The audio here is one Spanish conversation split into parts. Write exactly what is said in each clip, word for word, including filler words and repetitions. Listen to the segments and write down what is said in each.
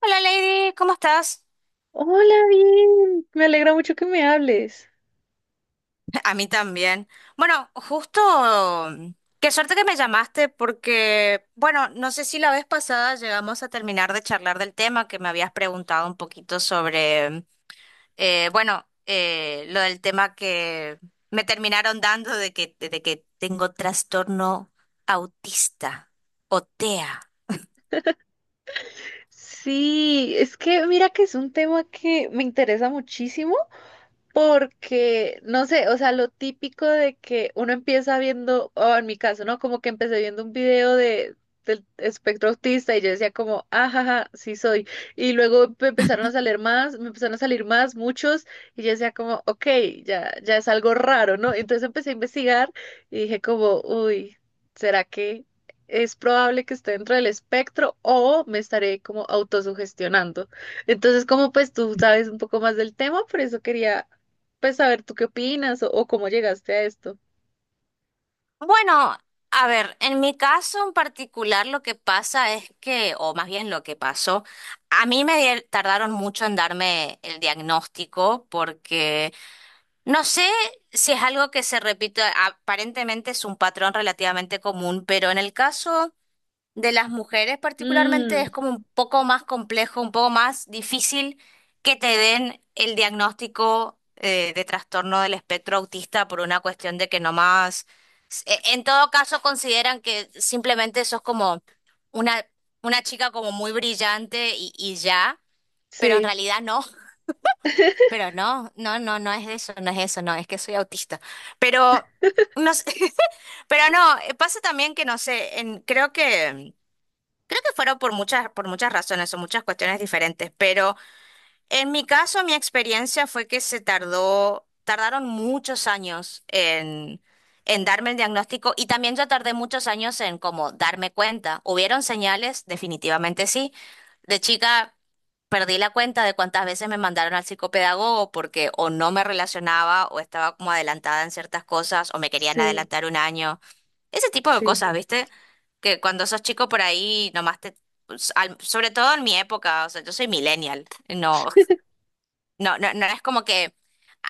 Hola, Lady, ¿cómo estás? Hola, bien. Me alegra mucho que me hables. A mí también. Bueno, justo, mm, qué suerte que me llamaste porque, bueno, no sé si la vez pasada llegamos a terminar de charlar del tema que me habías preguntado un poquito sobre, mm, eh, bueno, eh, lo del tema que me terminaron dando de que, de que tengo trastorno autista o TEA. Sí, es que mira que es un tema que me interesa muchísimo. Porque, no sé, o sea, lo típico de que uno empieza viendo, o en mi caso, ¿no? Como que empecé viendo un video de, del espectro autista y yo decía como, ajaja, sí soy. Y luego me empezaron a salir más, me empezaron a salir más, muchos, y yo decía como, ok, ya, ya es algo raro, ¿no? Entonces empecé a investigar y dije como, uy, ¿será que es probable que esté dentro del espectro o me estaré como autosugestionando? Entonces, como pues tú sabes un poco más del tema, por eso quería pues a ver, ¿tú qué opinas o, o cómo llegaste a esto? Bueno, a ver, en mi caso en particular lo que pasa es que, o más bien lo que pasó, a mí me di- tardaron mucho en darme el diagnóstico porque no sé si es algo que se repite, aparentemente es un patrón relativamente común, pero en el caso de las mujeres particularmente es Mm, como un poco más complejo, un poco más difícil que te den el diagnóstico eh, de trastorno del espectro autista por una cuestión de que nomás, e- en todo caso consideran que simplemente sos como una, una chica como muy brillante y, y ya, pero en sí, realidad no. Pero no, no, no, no es eso, no es eso, no, es que soy autista, pero... No sé. Pero no, eh, pasa también que no sé, en, creo que fueron por muchas, por muchas razones o muchas cuestiones diferentes, pero en mi caso, mi experiencia fue que se tardó, tardaron muchos años en, en darme el diagnóstico, y también yo tardé muchos años en como darme cuenta. ¿Hubieron señales? Definitivamente sí. De chica, perdí la cuenta de cuántas veces me mandaron al psicopedagogo porque o no me relacionaba o estaba como adelantada en ciertas cosas o me querían sí, adelantar un año. Ese tipo de sí, cosas, ¿viste? Que cuando sos chico por ahí nomás te... s- al- sobre todo en mi época, o sea, yo soy millennial. No, no, no, no es como que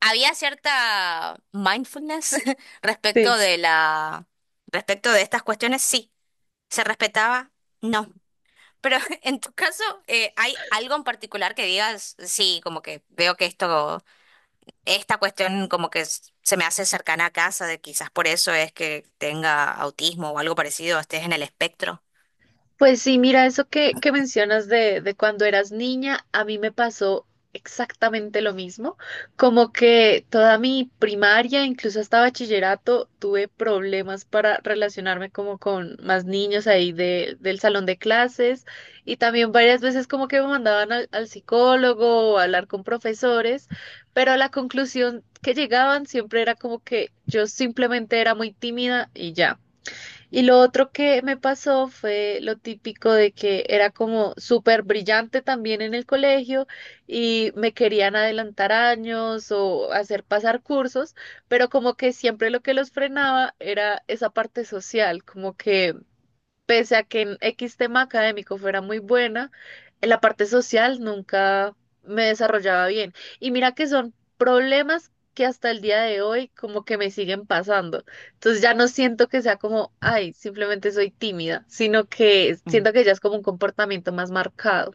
había cierta mindfulness sí. respecto de la... respecto de estas cuestiones, sí. ¿Se respetaba? No. Pero en tu caso, eh, ¿hay algo en particular que digas, sí, como que veo que esto, esta cuestión como que s- se me hace cercana a casa, de quizás por eso es que tenga autismo o algo parecido, estés en el espectro? Pues sí, mira, eso que, que mencionas de, de cuando eras niña, a mí me pasó exactamente lo mismo, como que toda mi primaria, incluso hasta bachillerato, tuve problemas para relacionarme como con más niños ahí de, del salón de clases y también varias veces como que me mandaban al, al psicólogo o a hablar con profesores, pero a la conclusión que llegaban siempre era como que yo simplemente era muy tímida y ya. Y lo otro que me pasó fue lo típico de que era como súper brillante también en el colegio y me querían adelantar años o hacer pasar cursos, pero como que siempre lo que los frenaba era esa parte social, como que pese a que en X tema académico fuera muy buena, en la parte social nunca me desarrollaba bien. Y mira que son problemas que hasta el día de hoy como que me siguen pasando. Entonces ya no siento que sea como, ay, simplemente soy tímida, sino que Mm. siento que ya es como un comportamiento más marcado.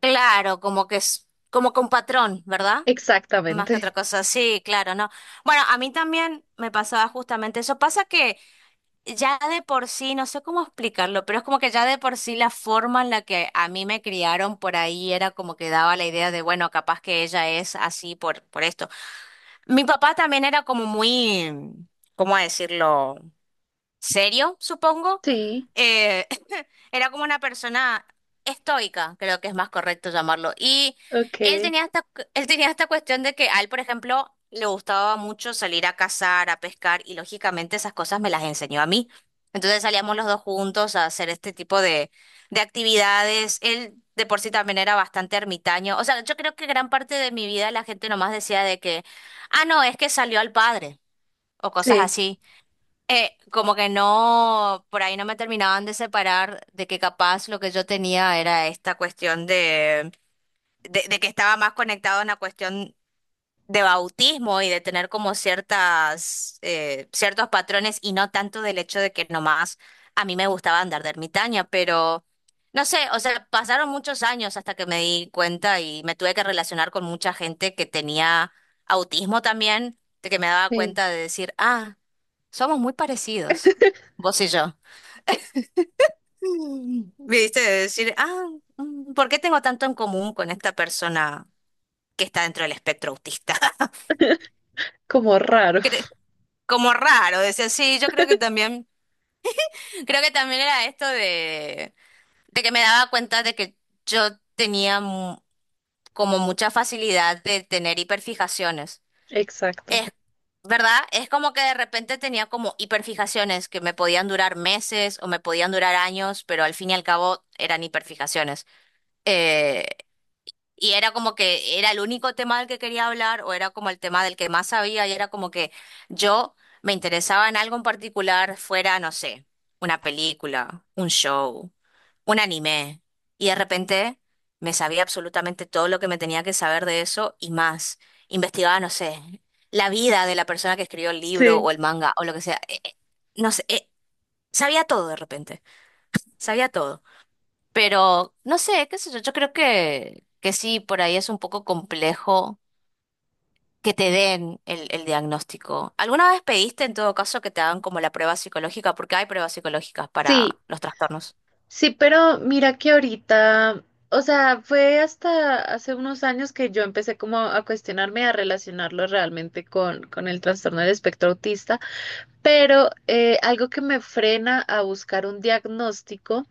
Claro, como que es como con patrón, ¿verdad? Más que otra Exactamente. cosa, sí, claro, no. Bueno, a mí también me pasaba justamente eso. Pasa que ya de por sí, no sé cómo explicarlo, pero es como que ya de por sí la forma en la que a mí me criaron por ahí era como que daba la idea de, bueno, capaz que ella es así por, por esto. Mi papá también era como muy, ¿cómo decirlo? Serio, supongo. Sí, Eh, era como una persona estoica, creo que es más correcto llamarlo. Y él ok, tenía esta, cu- él tenía esta cuestión de que a él, por ejemplo, le gustaba mucho salir a cazar, a pescar, y lógicamente esas cosas me las enseñó a mí. Entonces salíamos los dos juntos a hacer este tipo de, de actividades. Él de por sí también era bastante ermitaño. O sea, yo creo que gran parte de mi vida la gente nomás decía de que, ah, no, es que salió al padre, o cosas sí, así. Eh, como que no, por ahí no me terminaban de separar de que capaz lo que yo tenía era esta cuestión de, de, de que estaba más conectado en la cuestión de bautismo y de tener como ciertas, eh, ciertos patrones y no tanto del hecho de que nomás a mí me gustaba andar de ermitaña, pero no sé, o sea, pasaron muchos años hasta que me di cuenta y me tuve que relacionar con mucha gente que tenía autismo también, de que me daba sí. cuenta de decir, ah. Somos muy parecidos, vos y yo. Mm, ¿viste? De decir, ah, mm, ¿por qué tengo tanto en común con esta persona que está dentro del espectro autista? Como raro. Cre- Como raro, decía, sí, yo creo que también, creo que también era esto de, de que me daba cuenta de que yo tenía mu- como mucha facilidad de tener hiperfijaciones. Exacto. Es ¿Verdad? Es como que de repente tenía como hiperfijaciones que me podían durar meses o me podían durar años, pero al fin y al cabo eran hiperfijaciones. Eh, y era como que era el único tema del que quería hablar o era como el tema del que más sabía y era como que yo me interesaba en algo en particular, fuera, no sé, una película, un show, un anime. Y de repente me sabía absolutamente todo lo que me tenía que saber de eso y más. Investigaba, no sé, la vida de la persona que escribió el libro Sí. o el manga o lo que sea. Eh, eh, no sé, eh, sabía todo de repente, sabía todo. Pero no sé, qué sé yo, yo creo que, que sí, por ahí es un poco complejo que te den el, el diagnóstico. ¿Alguna vez pediste en todo caso que te hagan como la prueba psicológica? Porque hay pruebas psicológicas Sí, para los trastornos. sí, pero mira que ahorita, o sea, fue hasta hace unos años que yo empecé como a cuestionarme, a relacionarlo realmente con, con el trastorno del espectro autista, pero eh, algo que me frena a buscar un diagnóstico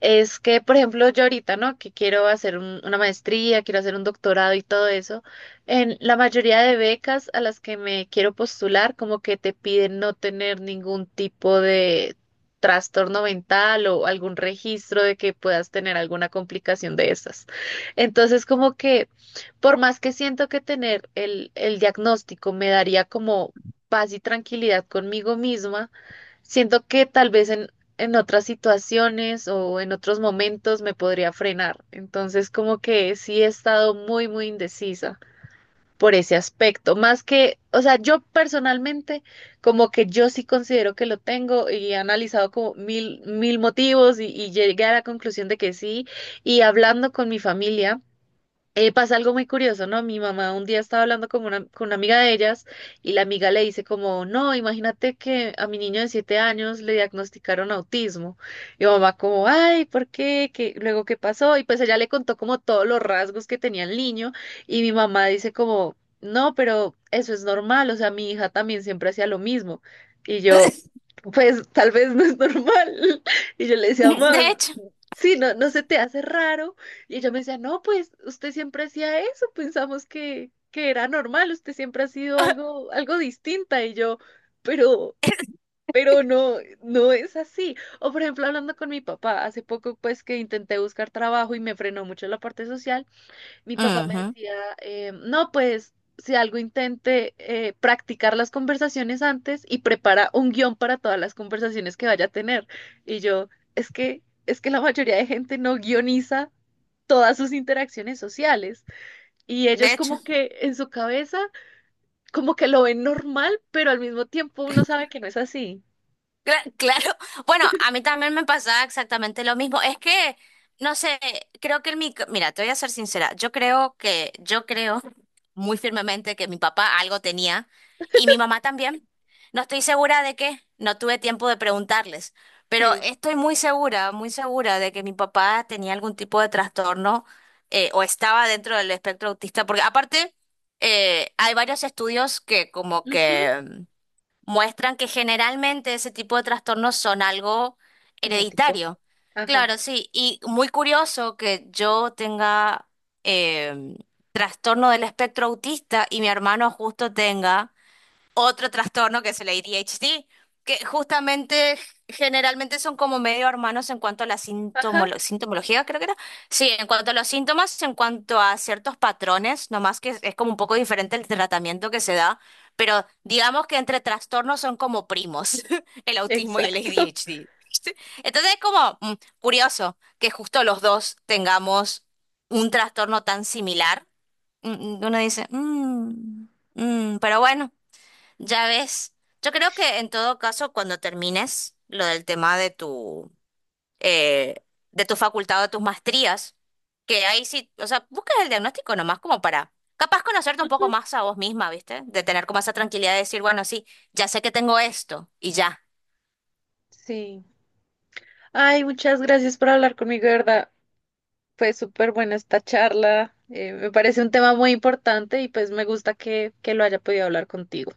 es que, por ejemplo, yo ahorita, ¿no? Que quiero hacer un- una maestría, quiero hacer un doctorado y todo eso. En la mayoría de becas a las que me quiero postular, como que te piden no tener ningún tipo de trastorno mental o algún registro de que puedas tener alguna complicación de esas. Entonces, como que, por más que siento que tener el, el diagnóstico me daría como paz y tranquilidad conmigo misma. Siento que tal vez en, en otras situaciones o en otros momentos me podría frenar. Entonces, como que sí he estado muy, muy indecisa por ese aspecto. Más que, o sea, yo personalmente, como que yo sí considero que lo tengo y he analizado como mil, mil motivos y, y llegué a la conclusión de que sí. Y hablando con mi familia eh, pasa algo muy curioso, ¿no? Mi mamá un día estaba hablando con una, con una amiga de ellas y la amiga le dice como, no, imagínate que a mi niño de siete años le diagnosticaron autismo. Y mamá como, ay, ¿por qué? ¿Qué? Luego, ¿qué pasó? Y pues ella le contó como todos los rasgos que tenía el niño y mi mamá dice como, no, pero eso es normal, o sea, mi hija también siempre hacía lo mismo. Y yo, pues tal vez no es normal. Y yo le decía, De mamá, hecho. sí, no, no se te hace raro. Y ella me decía, no, pues usted siempre hacía eso, pensamos que, que era normal, usted siempre ha sido algo, algo distinta. Y yo, pero, pero no, no es así. O por ejemplo, hablando con mi papá, hace poco pues que intenté buscar trabajo y me frenó mucho la parte social, mi papá me Ujú. decía, eh, no, pues si algo intente eh, practicar las conversaciones antes y prepara un guión para todas las conversaciones que vaya a tener. Y yo, es que, es que la mayoría de gente no guioniza todas sus interacciones sociales. Y De ellos hecho. como que en su cabeza, como que lo ven normal, pero al mismo tiempo uno sabe que no es así. Cla- Claro, bueno, a mí también me pasaba exactamente lo mismo. Es que, no sé, creo que el mi, mira, te voy a ser sincera, yo creo que, yo creo muy firmemente que mi papá algo tenía y mi mamá también. No estoy segura de qué, no tuve tiempo de preguntarles, pero Sí. estoy muy segura, muy segura de que mi papá tenía algún tipo de trastorno, eh, o estaba dentro del espectro autista, porque aparte eh, hay varios estudios que como Ujú. que muestran que generalmente ese tipo de trastornos son algo Genético. hereditario. Ajá. Claro, sí, y muy curioso que yo tenga eh, trastorno del espectro autista y mi hermano justo tenga otro trastorno que es el A D H D, que justamente generalmente son como medio hermanos en cuanto a la Ajá. sintomolo- sintomología, creo que era. Sí, en cuanto a los síntomas, en cuanto a ciertos patrones, nomás que es, es como un poco diferente el tratamiento que se da, pero digamos que entre trastornos son como primos, el autismo y el Exacto. A D H D. ¿Viste? Entonces es como mm, curioso que justo los dos tengamos un trastorno tan similar. Mm, mm, Uno dice, "Mm, mm", pero bueno. Ya ves, yo creo que en todo caso, cuando termines lo del tema de tu, eh, de tu facultad o de tus maestrías, que ahí sí, o sea, buscas el diagnóstico nomás como para, capaz conocerte un poco Ujú. más a vos misma, ¿viste? De tener como esa tranquilidad de decir, bueno, sí, ya sé que tengo esto y ya. Sí. Ay, muchas gracias por hablar conmigo, de verdad. Fue súper buena esta charla. Eh, me parece un tema muy importante y pues me gusta que, que lo haya podido hablar contigo.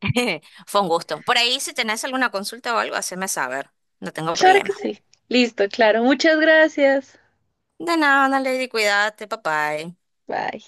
Fue un gusto. Por ahí, si tenés alguna consulta o algo, haceme saber. No tengo Claro que problema. sí. Listo, claro. Muchas gracias. De nada, Lady, cuídate, papá. Bye.